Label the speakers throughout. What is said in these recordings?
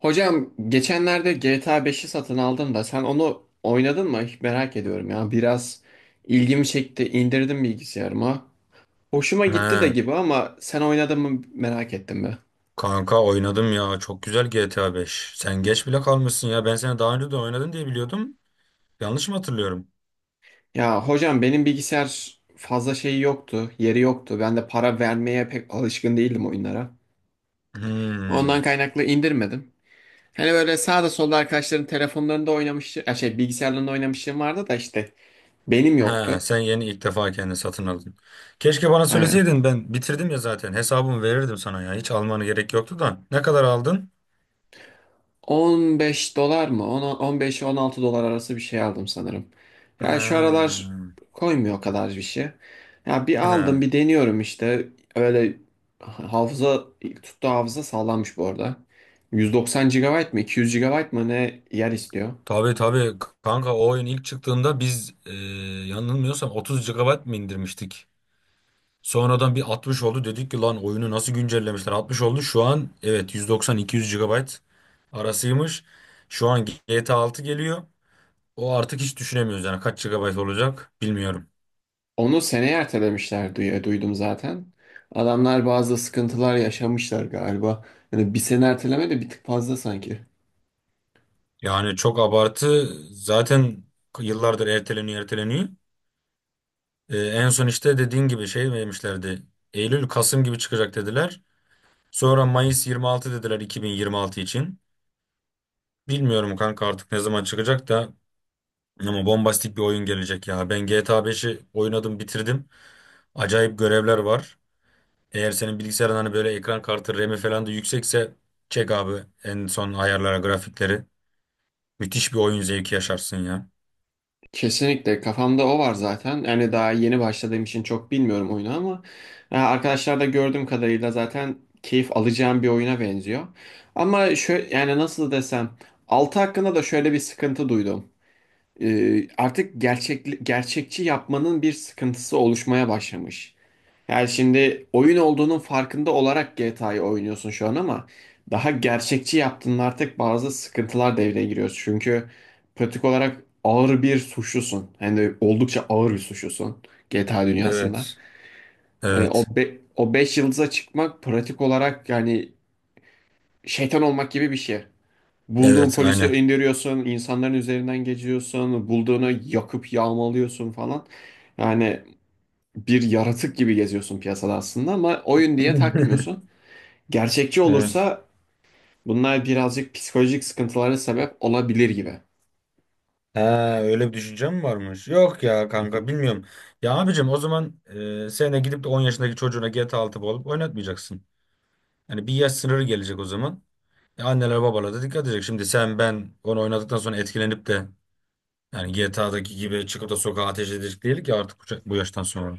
Speaker 1: Hocam geçenlerde GTA 5'i satın aldım da sen onu oynadın mı? Hiç merak ediyorum ya. Biraz ilgimi çekti. İndirdim bilgisayarıma. Hoşuma gitti de
Speaker 2: He,
Speaker 1: gibi ama sen oynadın mı merak ettim be.
Speaker 2: kanka oynadım ya. Çok güzel GTA 5. Sen geç bile kalmışsın ya. Ben seni daha önce de oynadın diye biliyordum. Yanlış mı hatırlıyorum?
Speaker 1: Ya hocam benim bilgisayar fazla şeyi yoktu, yeri yoktu. Ben de para vermeye pek alışkın değildim oyunlara. Ondan
Speaker 2: Hmm.
Speaker 1: kaynaklı indirmedim. Hani böyle sağda solda arkadaşların telefonlarında oynamıştı, ya şey bilgisayarlarında oynamışlığım vardı da işte benim
Speaker 2: He,
Speaker 1: yoktu.
Speaker 2: sen yeni ilk defa kendini satın aldın. Keşke bana
Speaker 1: Aynen.
Speaker 2: söyleseydin. Ben bitirdim ya zaten. Hesabımı verirdim sana ya. Hiç almanı gerek yoktu da. Ne kadar aldın?
Speaker 1: 15 dolar mı? 15-16 dolar arası bir şey aldım sanırım.
Speaker 2: He.
Speaker 1: Ya şu aralar koymuyor o kadar bir şey. Ya bir aldım
Speaker 2: He.
Speaker 1: bir deniyorum işte. Öyle hafıza tuttu. Hafıza sağlammış bu arada. 190 GB mı 200 GB mı ne yer istiyor.
Speaker 2: Tabii tabii kanka o oyun ilk çıktığında biz yanılmıyorsam 30 gigabayt mı indirmiştik? Sonradan bir 60 oldu. Dedik ki lan oyunu nasıl güncellemişler? 60 oldu. Şu an evet 190-200 GB arasıymış. Şu an GTA 6 geliyor. O artık hiç düşünemiyoruz yani kaç GB olacak bilmiyorum.
Speaker 1: Onu seneye ertelemişler diye duydum zaten. Adamlar bazı sıkıntılar yaşamışlar galiba. Yani bir sene erteleme de bir tık fazla sanki.
Speaker 2: Yani çok abartı. Zaten yıllardır erteleniyor erteleniyor. En son işte dediğin gibi şey vermişlerdi. Eylül Kasım gibi çıkacak dediler. Sonra Mayıs 26 dediler 2026 için. Bilmiyorum kanka artık ne zaman çıkacak da. Ama bombastik bir oyun gelecek ya. Ben GTA 5'i oynadım, bitirdim. Acayip görevler var. Eğer senin bilgisayarın hani böyle ekran kartı, RAM'i falan da yüksekse çek abi en son ayarlara, grafikleri. Müthiş bir oyun zevki yaşarsın ya.
Speaker 1: Kesinlikle kafamda o var zaten. Yani daha yeni başladığım için çok bilmiyorum oyunu ama arkadaşlar da gördüğüm kadarıyla zaten keyif alacağım bir oyuna benziyor. Ama şöyle yani nasıl desem 6 hakkında da şöyle bir sıkıntı duydum. Artık gerçekçi yapmanın bir sıkıntısı oluşmaya başlamış. Yani şimdi oyun olduğunun farkında olarak GTA'yı oynuyorsun şu an ama daha gerçekçi yaptığında artık bazı sıkıntılar devreye giriyor. Çünkü pratik olarak ağır bir suçlusun. Hani oldukça ağır bir suçlusun GTA dünyasında.
Speaker 2: Evet.
Speaker 1: Hani
Speaker 2: Evet.
Speaker 1: o 5 yıldıza çıkmak pratik olarak yani şeytan olmak gibi bir şey. Bulduğun
Speaker 2: Evet,
Speaker 1: polisi
Speaker 2: aynen.
Speaker 1: indiriyorsun, insanların üzerinden geçiyorsun, bulduğunu yakıp yağmalıyorsun falan. Yani bir yaratık gibi geziyorsun piyasada aslında ama oyun diye takmıyorsun. Gerçekçi
Speaker 2: Evet.
Speaker 1: olursa bunlar birazcık psikolojik sıkıntılara sebep olabilir gibi.
Speaker 2: Ha, öyle bir düşüncem mi varmış? Yok ya
Speaker 1: Hı
Speaker 2: kanka
Speaker 1: hı.
Speaker 2: bilmiyorum. Ya abicim o zaman sen de gidip de 10 yaşındaki çocuğuna GTA 6 alıp oynatmayacaksın. Yani bir yaş sınırı gelecek o zaman. Ya anneler babalar da dikkat edecek. Şimdi sen ben onu oynadıktan sonra etkilenip de yani GTA'daki gibi çıkıp da sokağa ateş edecek değil ki artık bu yaştan sonra.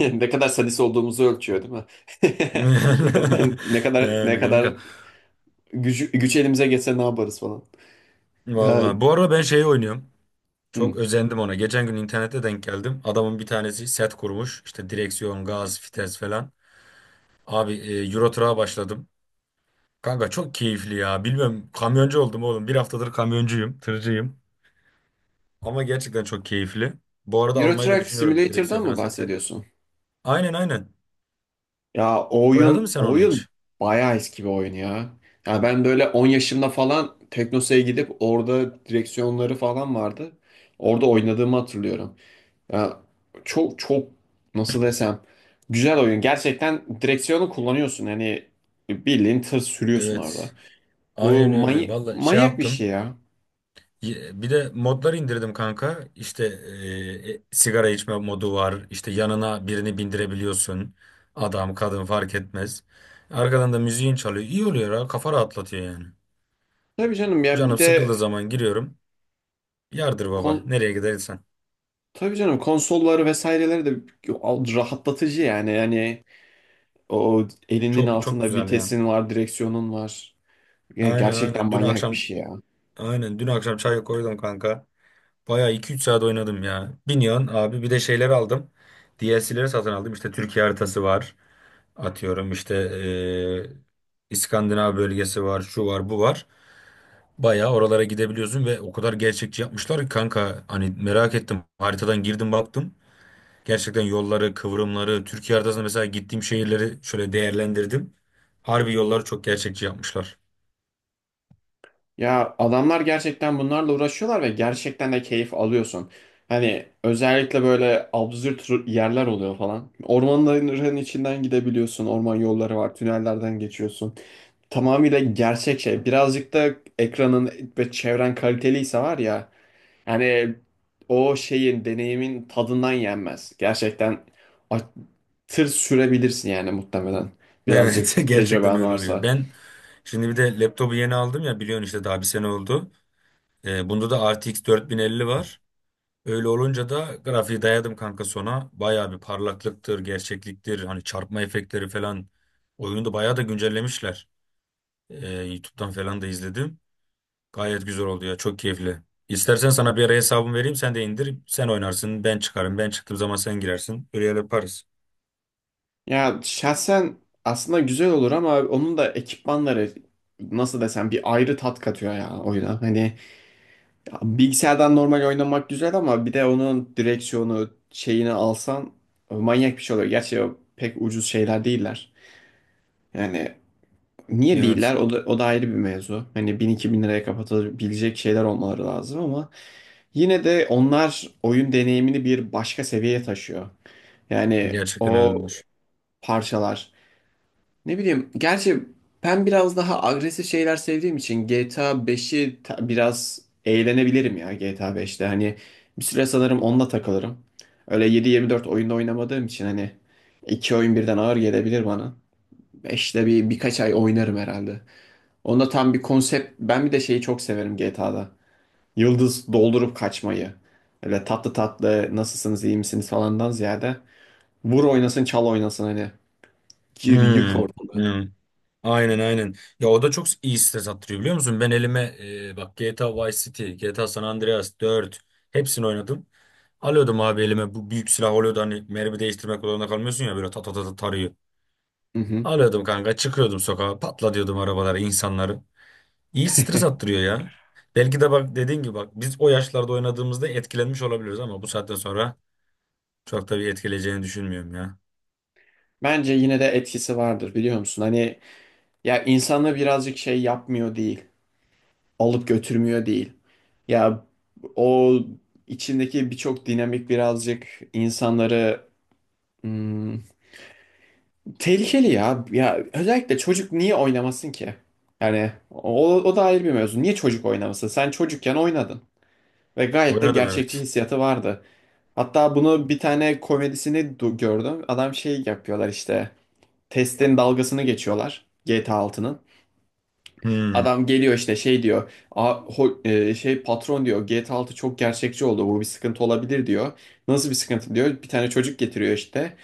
Speaker 1: Ne kadar sadist olduğumuzu ölçüyor değil mi? Ne kadar ne kadar
Speaker 2: Yani
Speaker 1: ne
Speaker 2: kanka.
Speaker 1: kadar güç elimize geçse ne yaparız falan. Ya,
Speaker 2: Vallahi. Bu arada ben şeyi oynuyorum. Çok
Speaker 1: hı.
Speaker 2: özendim ona. Geçen gün internette denk geldim. Adamın bir tanesi set kurmuş. İşte direksiyon, gaz, vites falan. Abi Euro Truck'a başladım. Kanka çok keyifli ya. Bilmem kamyoncu oldum oğlum. Bir haftadır kamyoncuyum, tırcıyım. Ama gerçekten çok keyifli. Bu arada
Speaker 1: Euro
Speaker 2: almayı da
Speaker 1: Truck
Speaker 2: düşünüyorum direksiyon
Speaker 1: Simulator'dan
Speaker 2: falan
Speaker 1: mı
Speaker 2: seti.
Speaker 1: bahsediyorsun?
Speaker 2: Aynen aynen.
Speaker 1: Ya o
Speaker 2: Oynadın mı
Speaker 1: oyun
Speaker 2: sen
Speaker 1: o
Speaker 2: onu
Speaker 1: oyun
Speaker 2: hiç?
Speaker 1: bayağı eski bir oyun ya. Ya ben böyle 10 yaşımda falan Teknosa'ya gidip orada direksiyonları falan vardı. Orada oynadığımı hatırlıyorum. Ya çok çok nasıl desem güzel oyun. Gerçekten direksiyonu kullanıyorsun. Hani bildiğin tır sürüyorsun orada.
Speaker 2: Evet.
Speaker 1: Bu
Speaker 2: Aynen öyle.
Speaker 1: many
Speaker 2: Valla şey
Speaker 1: manyak bir şey
Speaker 2: yaptım.
Speaker 1: ya.
Speaker 2: Bir de modlar indirdim kanka. İşte sigara içme modu var. İşte yanına birini bindirebiliyorsun. Adam, kadın fark etmez. Arkadan da müziğin çalıyor. İyi oluyor ha. Kafa rahatlatıyor yani.
Speaker 1: Tabii canım ya bir
Speaker 2: Canım
Speaker 1: de
Speaker 2: sıkıldığı zaman giriyorum. Yardır
Speaker 1: kon
Speaker 2: baba. Nereye gidersen.
Speaker 1: tabii canım konsolları vesaireleri de rahatlatıcı yani. Yani o elinin
Speaker 2: Çok çok
Speaker 1: altında
Speaker 2: güzel ya.
Speaker 1: vitesin var, direksiyonun var. Ya
Speaker 2: Aynen
Speaker 1: gerçekten
Speaker 2: aynen. Dün
Speaker 1: manyak bir
Speaker 2: akşam
Speaker 1: şey ya.
Speaker 2: aynen dün akşam çay koydum kanka. Bayağı iki üç saat oynadım ya. Binion abi bir de şeyler aldım. DLC'leri satın aldım. İşte Türkiye haritası var. Atıyorum işte eee, İskandinav bölgesi var. Şu var bu var. Bayağı oralara gidebiliyorsun ve o kadar gerçekçi yapmışlar ki kanka hani merak ettim. Haritadan girdim baktım. Gerçekten yolları, kıvrımları, Türkiye haritasında mesela gittiğim şehirleri şöyle değerlendirdim. Harbi yolları çok gerçekçi yapmışlar.
Speaker 1: Ya adamlar gerçekten bunlarla uğraşıyorlar ve gerçekten de keyif alıyorsun. Hani özellikle böyle absürt yerler oluyor falan. Ormanların içinden gidebiliyorsun. Orman yolları var. Tünellerden geçiyorsun. Tamamıyla gerçek şey. Birazcık da ekranın ve çevren kaliteliyse var ya. Yani o şeyin, deneyimin tadından yenmez. Gerçekten a- tır sürebilirsin yani muhtemelen.
Speaker 2: Evet
Speaker 1: Birazcık
Speaker 2: gerçekten
Speaker 1: tecrüben
Speaker 2: öyle oluyor.
Speaker 1: varsa.
Speaker 2: Ben şimdi bir de laptopu yeni aldım ya biliyorsun işte daha bir sene oldu. Bunda da RTX 4050 var. Öyle olunca da grafiği dayadım kanka sona. Bayağı bir parlaklıktır, gerçekliktir. Hani çarpma efektleri falan. Oyunu da bayağı da güncellemişler. YouTube'dan falan da izledim. Gayet güzel oldu ya. Çok keyifli. İstersen sana bir ara hesabımı vereyim. Sen de indir. Sen oynarsın. Ben çıkarım. Ben çıktığım zaman sen girersin. Öyle yaparız.
Speaker 1: Ya şahsen aslında güzel olur ama onun da ekipmanları nasıl desem bir ayrı tat katıyor ya oyuna. Hani bilgisayardan normal oynamak güzel ama bir de onun direksiyonu şeyini alsan manyak bir şey oluyor. Gerçi o pek ucuz şeyler değiller. Yani niye
Speaker 2: Evet.
Speaker 1: değiller? O da, o da ayrı bir mevzu. Hani 1000-2000 liraya kapatabilecek şeyler olmaları lazım ama yine de onlar oyun deneyimini bir başka seviyeye taşıyor. Yani
Speaker 2: Gerçekten
Speaker 1: o
Speaker 2: öyledir.
Speaker 1: parçalar. Ne bileyim, gerçi ben biraz daha agresif şeyler sevdiğim için GTA 5'i biraz eğlenebilirim ya GTA 5'te. Hani bir süre sanırım onunla takılırım. Öyle 7-24 oyunda oynamadığım için hani iki oyun birden ağır gelebilir bana. 5'te birkaç ay oynarım herhalde. Onda tam bir konsept. Ben bir de şeyi çok severim GTA'da. Yıldız doldurup kaçmayı. Öyle tatlı tatlı nasılsınız iyi misiniz falandan ziyade. Vur oynasın çal oynasın hani. Gir yık
Speaker 2: Hmm.
Speaker 1: orada.
Speaker 2: Hmm. Aynen aynen. Ya o da çok iyi stres attırıyor biliyor musun? Ben elime bak GTA Vice City, GTA San Andreas 4 hepsini oynadım. Alıyordum abi elime bu büyük silah oluyordu hani mermi değiştirmek zorunda kalmıyorsun ya böyle ta ta ta ta tarıyor.
Speaker 1: Hı hı.
Speaker 2: Alıyordum kanka çıkıyordum sokağa patla diyordum arabalara insanları. İyi stres attırıyor ya. Belki de bak dediğin gibi bak biz o yaşlarda oynadığımızda etkilenmiş olabiliriz ama bu saatten sonra çok da bir etkileyeceğini düşünmüyorum ya.
Speaker 1: Bence yine de etkisi vardır biliyor musun? Hani ya insanı birazcık şey yapmıyor değil. Alıp götürmüyor değil. Ya o içindeki birçok dinamik birazcık insanları hmm, Tehlikeli ya. Ya özellikle çocuk niye oynamasın ki? Yani o, o da ayrı bir mevzu. Niye çocuk oynamasın? Sen çocukken oynadın ve gayet de
Speaker 2: Oynadım
Speaker 1: gerçekçi
Speaker 2: evet.
Speaker 1: hissiyatı vardı. Hatta bunu bir tane komedisini gördüm. Adam şey yapıyorlar işte. Testin dalgasını geçiyorlar GTA 6'nın.
Speaker 2: Hmm.
Speaker 1: Adam geliyor işte şey diyor. Şey patron diyor GTA 6 çok gerçekçi oldu. Bu bir sıkıntı olabilir diyor. Nasıl bir sıkıntı diyor. Bir tane çocuk getiriyor işte.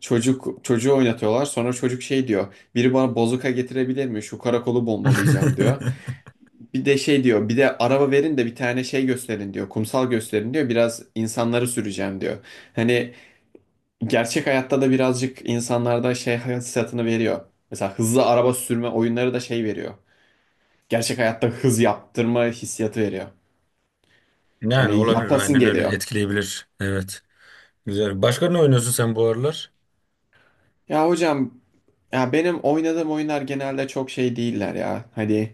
Speaker 1: Çocuk çocuğu oynatıyorlar. Sonra çocuk şey diyor. Biri bana bozuka getirebilir mi? Şu karakolu bombalayacağım diyor. Bir de şey diyor. Bir de araba verin de bir tane şey gösterin diyor. Kumsal gösterin diyor. Biraz insanları süreceğim diyor. Hani gerçek hayatta da birazcık insanlarda şey hissiyatını veriyor. Mesela hızlı araba sürme oyunları da şey veriyor. Gerçek hayatta hız yaptırma hissiyatı veriyor.
Speaker 2: Yani
Speaker 1: Hani
Speaker 2: olabilir
Speaker 1: yapasın
Speaker 2: aynen öyle
Speaker 1: geliyor.
Speaker 2: etkileyebilir. Evet. Güzel. Başka ne oynuyorsun sen bu aralar?
Speaker 1: Ya hocam ya benim oynadığım oyunlar genelde çok şey değiller ya. Hani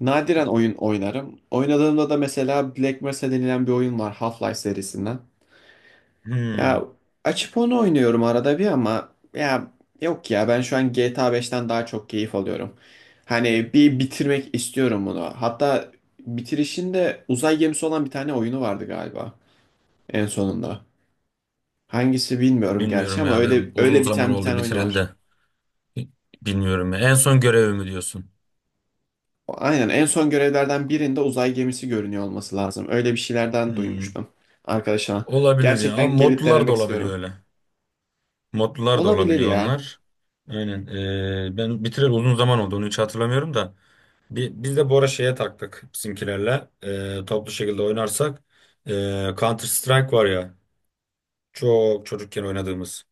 Speaker 1: nadiren oyun oynarım. Oynadığımda da mesela Black Mesa denilen bir oyun var Half-Life serisinden.
Speaker 2: Hmm,
Speaker 1: Ya açıp onu oynuyorum arada bir ama ya yok ya ben şu an GTA 5'ten daha çok keyif alıyorum. Hani bir bitirmek istiyorum bunu. Hatta bitirişinde uzay gemisi olan bir tane oyunu vardı galiba en sonunda. Hangisi bilmiyorum gerçi
Speaker 2: Bilmiyorum
Speaker 1: ama
Speaker 2: ya ben
Speaker 1: öyle
Speaker 2: uzun
Speaker 1: öyle
Speaker 2: zaman
Speaker 1: biten bir
Speaker 2: oldu
Speaker 1: tane oyunu
Speaker 2: bitireli de.
Speaker 1: var.
Speaker 2: Bilmiyorum ya. En son görevi mi diyorsun?
Speaker 1: Aynen en son görevlerden birinde uzay gemisi görünüyor olması lazım. Öyle bir şeylerden
Speaker 2: Hmm,
Speaker 1: duymuştum arkadaşıma.
Speaker 2: Olabilir ya. Ama
Speaker 1: Gerçekten gelip
Speaker 2: modlular da
Speaker 1: denemek
Speaker 2: olabiliyor
Speaker 1: istiyorum.
Speaker 2: öyle. Modlular da
Speaker 1: Olabilir
Speaker 2: olabiliyor
Speaker 1: ya.
Speaker 2: onlar. Aynen. Ben bitireli uzun zaman oldu. Onu hiç hatırlamıyorum da. Biz de bu ara şeye taktık bizimkilerle. Toplu şekilde oynarsak. Counter Strike var ya. Çok çocukken oynadığımız.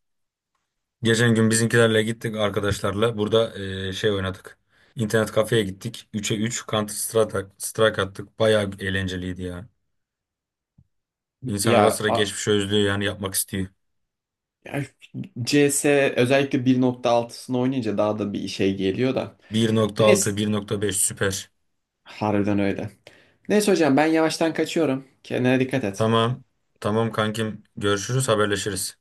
Speaker 2: Geçen gün bizimkilerle gittik arkadaşlarla. Burada şey oynadık. İnternet kafeye gittik. 3'e 3 Counter Strike, attık. Bayağı eğlenceliydi ya. İnsan ara
Speaker 1: Ya,
Speaker 2: sıra
Speaker 1: a-
Speaker 2: geçmişi özlüyor yani yapmak istiyor.
Speaker 1: ya, CS özellikle 1.6'sını oynayınca daha da bir şey geliyor da.
Speaker 2: 1.6,
Speaker 1: Neyse
Speaker 2: 1.5 süper.
Speaker 1: harbiden öyle. Neyse hocam ben yavaştan kaçıyorum. Kendine dikkat et.
Speaker 2: Tamam. Tamam kankim. Görüşürüz, haberleşiriz.